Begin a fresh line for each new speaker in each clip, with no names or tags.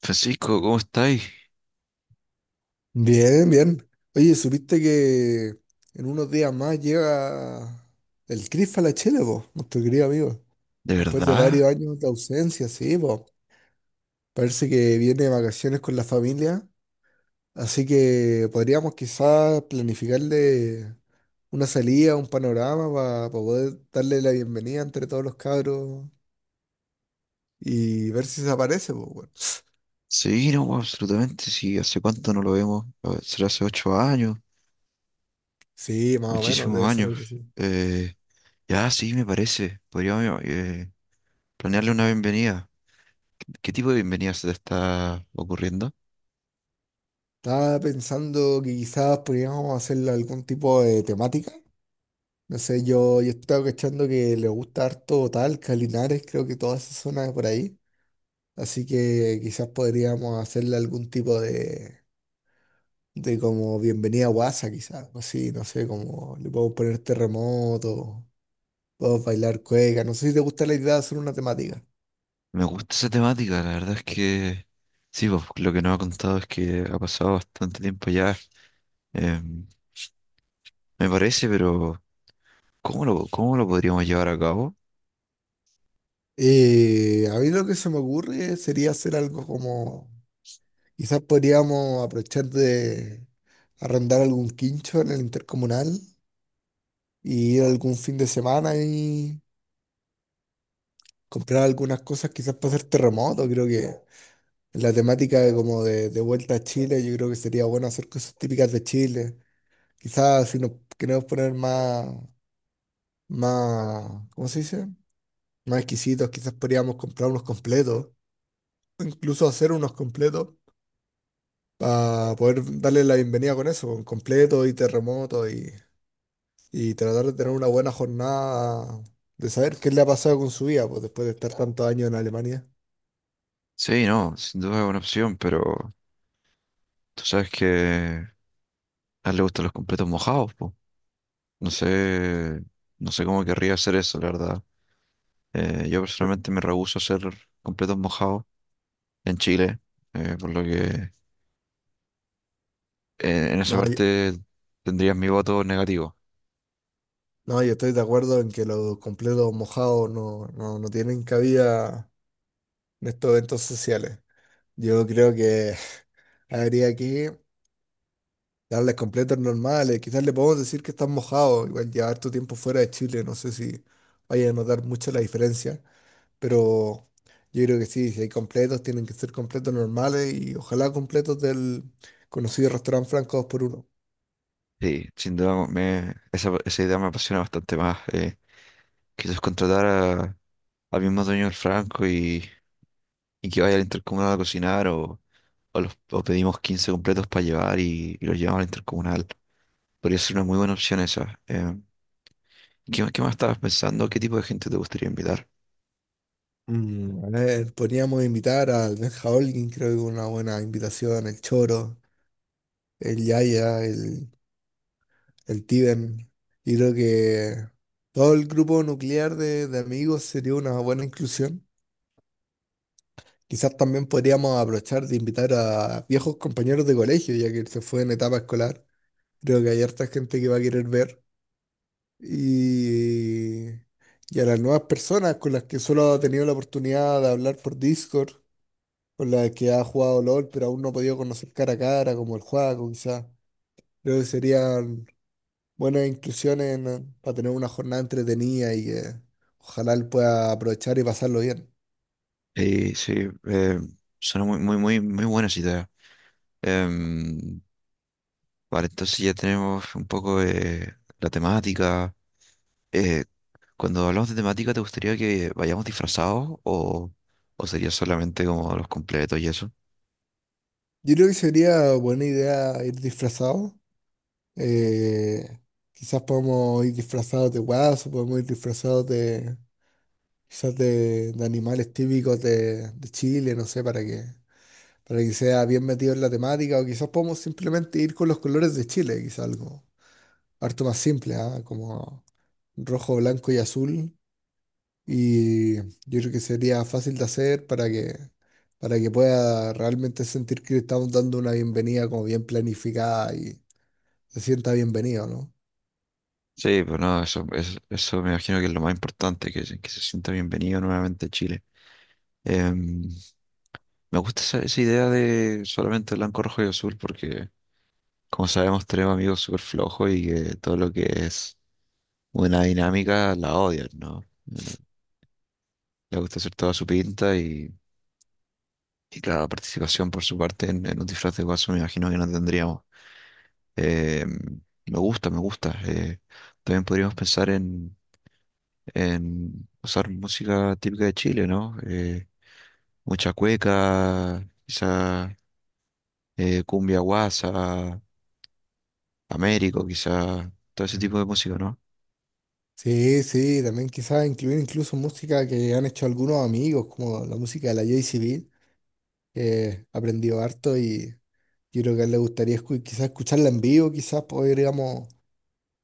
Francisco, ¿cómo estáis?
Bien, bien. Oye, ¿supiste que en unos días más llega el Cris Falachele, vos, nuestro querido amigo?
¿De
Después de
verdad?
varios años de ausencia, sí, vos. Parece que viene de vacaciones con la familia, así que podríamos quizás planificarle una salida, un panorama para poder darle la bienvenida entre todos los cabros y ver si se aparece, pues, bueno.
Sí, no, pues, absolutamente, sí. ¿Hace cuánto no lo vemos? A ver, será hace 8 años,
Sí, más o menos,
muchísimos
debe ser algo
años.
así.
Ya, sí, me parece. Podríamos planearle una bienvenida. ¿Qué tipo de bienvenida se te está ocurriendo?
Estaba pensando que quizás podríamos hacerle algún tipo de temática. No sé, yo estaba cachando que le gusta harto Talca, Linares, creo que toda esa zona de por ahí. Así que quizás podríamos hacerle algún tipo de como bienvenida a Guasa, quizás. Algo así, no sé, como le podemos poner terremoto, podemos bailar cueca. No sé si te gusta la idea de hacer una temática.
Me gusta esa temática, la verdad es que sí, pues, lo que nos ha contado es que ha pasado bastante tiempo ya. Em, me parece, pero ¿cómo lo podríamos llevar a cabo?
A mí lo que se me ocurre sería hacer algo como, quizás podríamos aprovechar de arrendar algún quincho en el intercomunal y ir algún fin de semana, comprar algunas cosas quizás para hacer terremoto. Creo que la temática de como de vuelta a Chile, yo creo que sería bueno hacer cosas típicas de Chile. Quizás si nos queremos poner más, ¿cómo se dice? Más exquisitos, quizás podríamos comprar unos completos, o incluso hacer unos completos para poder darle la bienvenida con eso, con completo y terremoto y tratar de tener una buena jornada de saber qué le ha pasado con su vida pues, después de estar tantos años en Alemania.
Sí, no, sin duda es una opción, pero tú sabes que a él le gustan los completos mojados, po. No sé, no sé cómo querría hacer eso, la verdad. Yo personalmente me rehúso a hacer completos mojados en Chile, por lo que en esa
No,
parte tendrías mi voto negativo.
no, yo estoy de acuerdo en que los completos mojados no, no, no tienen cabida en estos eventos sociales. Yo creo que habría que darles completos normales. Quizás le podemos decir que están mojados. Igual llevar tu tiempo fuera de Chile, no sé si vaya a notar mucho la diferencia. Pero yo creo que sí, si hay completos, tienen que ser completos normales y ojalá completos del conocido restaurante Franco 2 por uno.
Sí, sin duda esa idea me apasiona bastante más. Quizás contratar al mismo dueño del Franco y que vaya al intercomunal a cocinar o pedimos 15 completos para llevar y los llevamos al intercomunal. Podría ser una muy buena opción esa. ¿Qué más estabas pensando? ¿Qué tipo de gente te gustaría invitar?
Mm, a ver, podríamos invitar al Benja Holguín, creo que una buena invitación, el Choro, el Yaya, el Tiben. Y creo que todo el grupo nuclear de amigos sería una buena inclusión. Quizás también podríamos aprovechar de invitar a viejos compañeros de colegio, ya que él se fue en etapa escolar. Creo que hay harta gente que va a querer ver. Y, y a las nuevas personas con las que solo ha tenido la oportunidad de hablar por Discord, con las que ha jugado LOL, pero aún no ha podido conocer cara a cara, como el Juaco, quizás. Creo que sería buenas inclusiones para tener una jornada entretenida y que ojalá él pueda aprovechar y pasarlo bien.
Sí, suena muy, muy, muy, muy buenas ideas. Em, vale, entonces ya tenemos un poco la temática. Eh, cuando hablamos de temática, ¿te gustaría que vayamos disfrazados o sería solamente como los completos y eso?
Yo creo que sería buena idea ir disfrazado. Eh, Quizás podemos ir disfrazados de guaso, podemos ir disfrazados de quizás de animales típicos de Chile, no sé, para que sea bien metido en la temática, o quizás podemos simplemente ir con los colores de Chile, quizás algo harto más simple, ¿ah? Como rojo, blanco y azul. Y yo creo que sería fácil de hacer para que pueda realmente sentir que le estamos dando una bienvenida como bien planificada y se sienta bienvenido, ¿no?
Sí, pero no, eso, eso me imagino que es lo más importante, que se sienta bienvenido nuevamente a Chile. Em, me gusta esa idea de solamente blanco, rojo y azul porque, como sabemos, tenemos amigos súper flojos y que todo lo que es una dinámica la odian, ¿no? Eh, Les gusta hacer toda su pinta y claro, la participación por su parte en un disfraz de guaso me imagino que no tendríamos. Me gusta, me gusta. También podríamos pensar en usar música típica de Chile, ¿no? Mucha cueca, quizá cumbia guasa, Américo, quizá todo ese tipo de música, ¿no?
Sí, sí, también quizás incluir incluso música que han hecho algunos amigos, como la música de la JCB, que aprendió harto y yo creo que a él le gustaría quizás escucharla en vivo, quizás podríamos,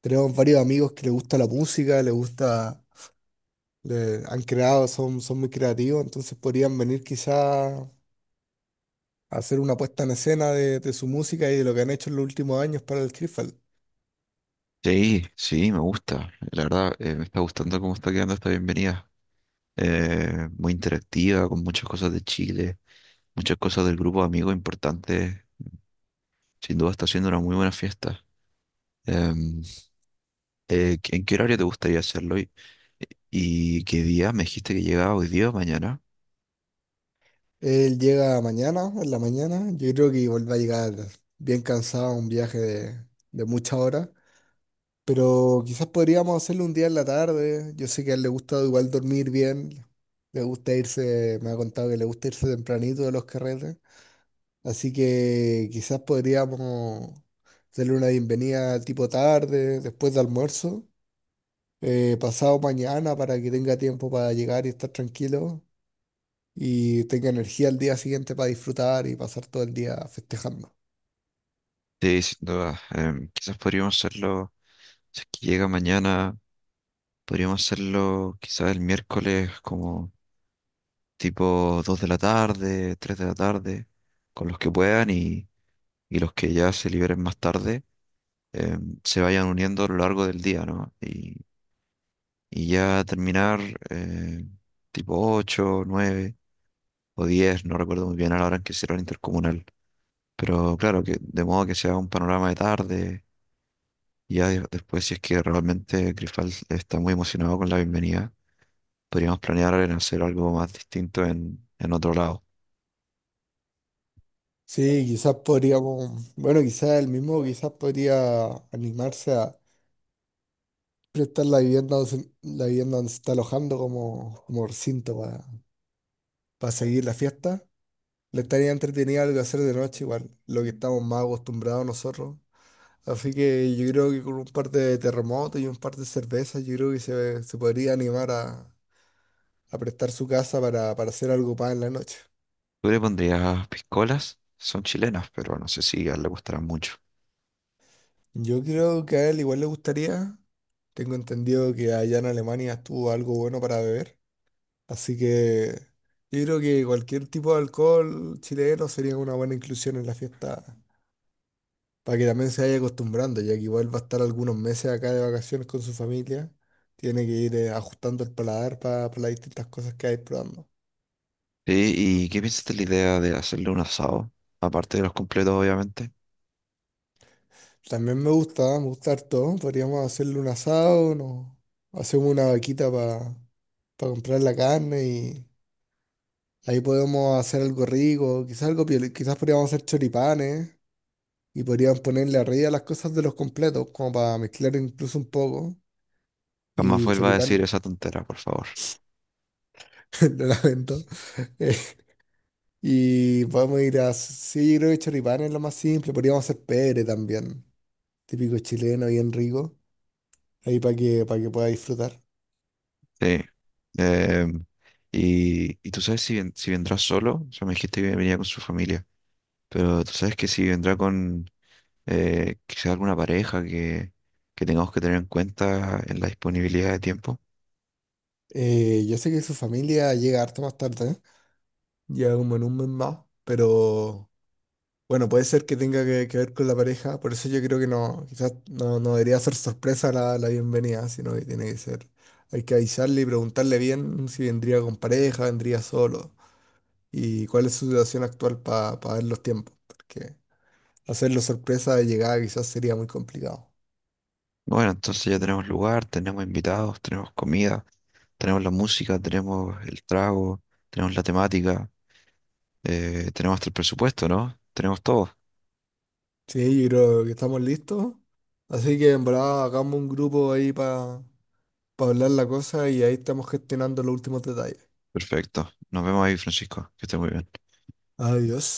tenemos varios amigos que les gusta la música, les gusta, han creado, son muy creativos, entonces podrían venir quizás hacer una puesta en escena de su música y de lo que han hecho en los últimos años para el Krifal.
Sí, sí, me gusta. La verdad, me está gustando cómo está quedando esta bienvenida. Muy interactiva, con muchas cosas de Chile, muchas cosas del grupo de amigos importantes. Sin duda está siendo una muy buena fiesta. Em, ¿en qué horario te gustaría hacerlo? ¿Y qué día? Me dijiste que llegaba hoy día o mañana.
Él llega mañana, en la mañana, yo creo que igual va a llegar bien cansado, un viaje de muchas horas, pero quizás podríamos hacerlo un día en la tarde. Yo sé que a él le gusta igual dormir bien, le gusta irse, me ha contado que le gusta irse tempranito de los carretes, así que quizás podríamos... Darle una bienvenida tipo tarde, después de almuerzo, pasado mañana, para que tenga tiempo para llegar y estar tranquilo y tenga energía el día siguiente para disfrutar y pasar todo el día festejando.
Sí, sin duda. Quizás podríamos hacerlo, si es que llega mañana, podríamos hacerlo quizás el miércoles como tipo 2 de la tarde, 3 de la tarde, con los que puedan y los que ya se liberen más tarde eh, se vayan uniendo a lo largo del día, ¿no? Y ya terminar eh, tipo 8 9 o diez, no recuerdo muy bien a la hora en que será el intercomunal. Pero claro, que de modo que sea un panorama de tarde, y ya después, si es que realmente Grifal está muy emocionado con la bienvenida, podríamos planear en hacer algo más distinto en otro lado.
Sí, quizás podríamos, bueno, quizás el mismo, quizás podría animarse a prestar la vivienda, la vivienda donde se está alojando como, como recinto para seguir la fiesta. Le estaría entretenido algo hacer de noche, igual, lo que estamos más acostumbrados nosotros. Así que yo creo que con un par de terremotos y un par de cervezas, yo creo que se podría animar a prestar su casa para hacer algo para en la noche.
Tú le pondrías piscolas, son chilenas, pero no sé si a él le gustarán mucho.
Yo creo que a él igual le gustaría. Tengo entendido que allá en Alemania estuvo algo bueno para beber. Así que yo creo que cualquier tipo de alcohol chileno sería una buena inclusión en la fiesta para que también se vaya acostumbrando, ya que igual va a estar algunos meses acá de vacaciones con su familia. Tiene que ir ajustando el paladar para las distintas cosas que hay probando.
Sí, ¿y qué piensas de la idea de hacerle un asado? Aparte de los completos, obviamente.
También me gusta harto. Podríamos hacerle un asado, no, hacemos una vaquita para comprar la carne y ahí podemos hacer algo rico, quizás algo piola, quizás podríamos hacer choripanes y podríamos ponerle arriba las cosas de los completos, como para mezclar incluso un poco.
Jamás
Y
vuelva a decir
choripán,
esa tontera, por favor.
lo lamento. Y podemos ir a. Sí, yo creo que choripán es lo más simple. Podríamos hacer pere también, típico chileno, bien rico, ahí para que pueda disfrutar.
Sí. eh, y tú sabes si vendrá solo, o sea, me dijiste que venía con su familia, pero tú sabes que si vendrá con quizá alguna pareja que tengamos que tener en cuenta en la disponibilidad de tiempo.
Yo sé que su familia llega harto más tarde, ¿eh? Ya como en un mes más, pero bueno, puede ser que tenga que ver con la pareja, por eso yo creo que no, quizás no, no debería ser sorpresa la bienvenida, sino que tiene que ser, hay que avisarle y preguntarle bien si vendría con pareja, vendría solo, y cuál es su situación actual para ver los tiempos, porque hacerlo sorpresa de llegada quizás sería muy complicado.
Bueno, entonces ya tenemos lugar, tenemos invitados, tenemos comida, tenemos la música, tenemos el trago, tenemos la temática. Tenemos hasta el presupuesto, ¿no? Tenemos todo.
Sí, yo creo que estamos listos, así que en verdad hagamos un grupo ahí para hablar la cosa y ahí estamos gestionando los últimos detalles.
Perfecto. Nos vemos ahí, Francisco. Que esté muy bien.
Adiós.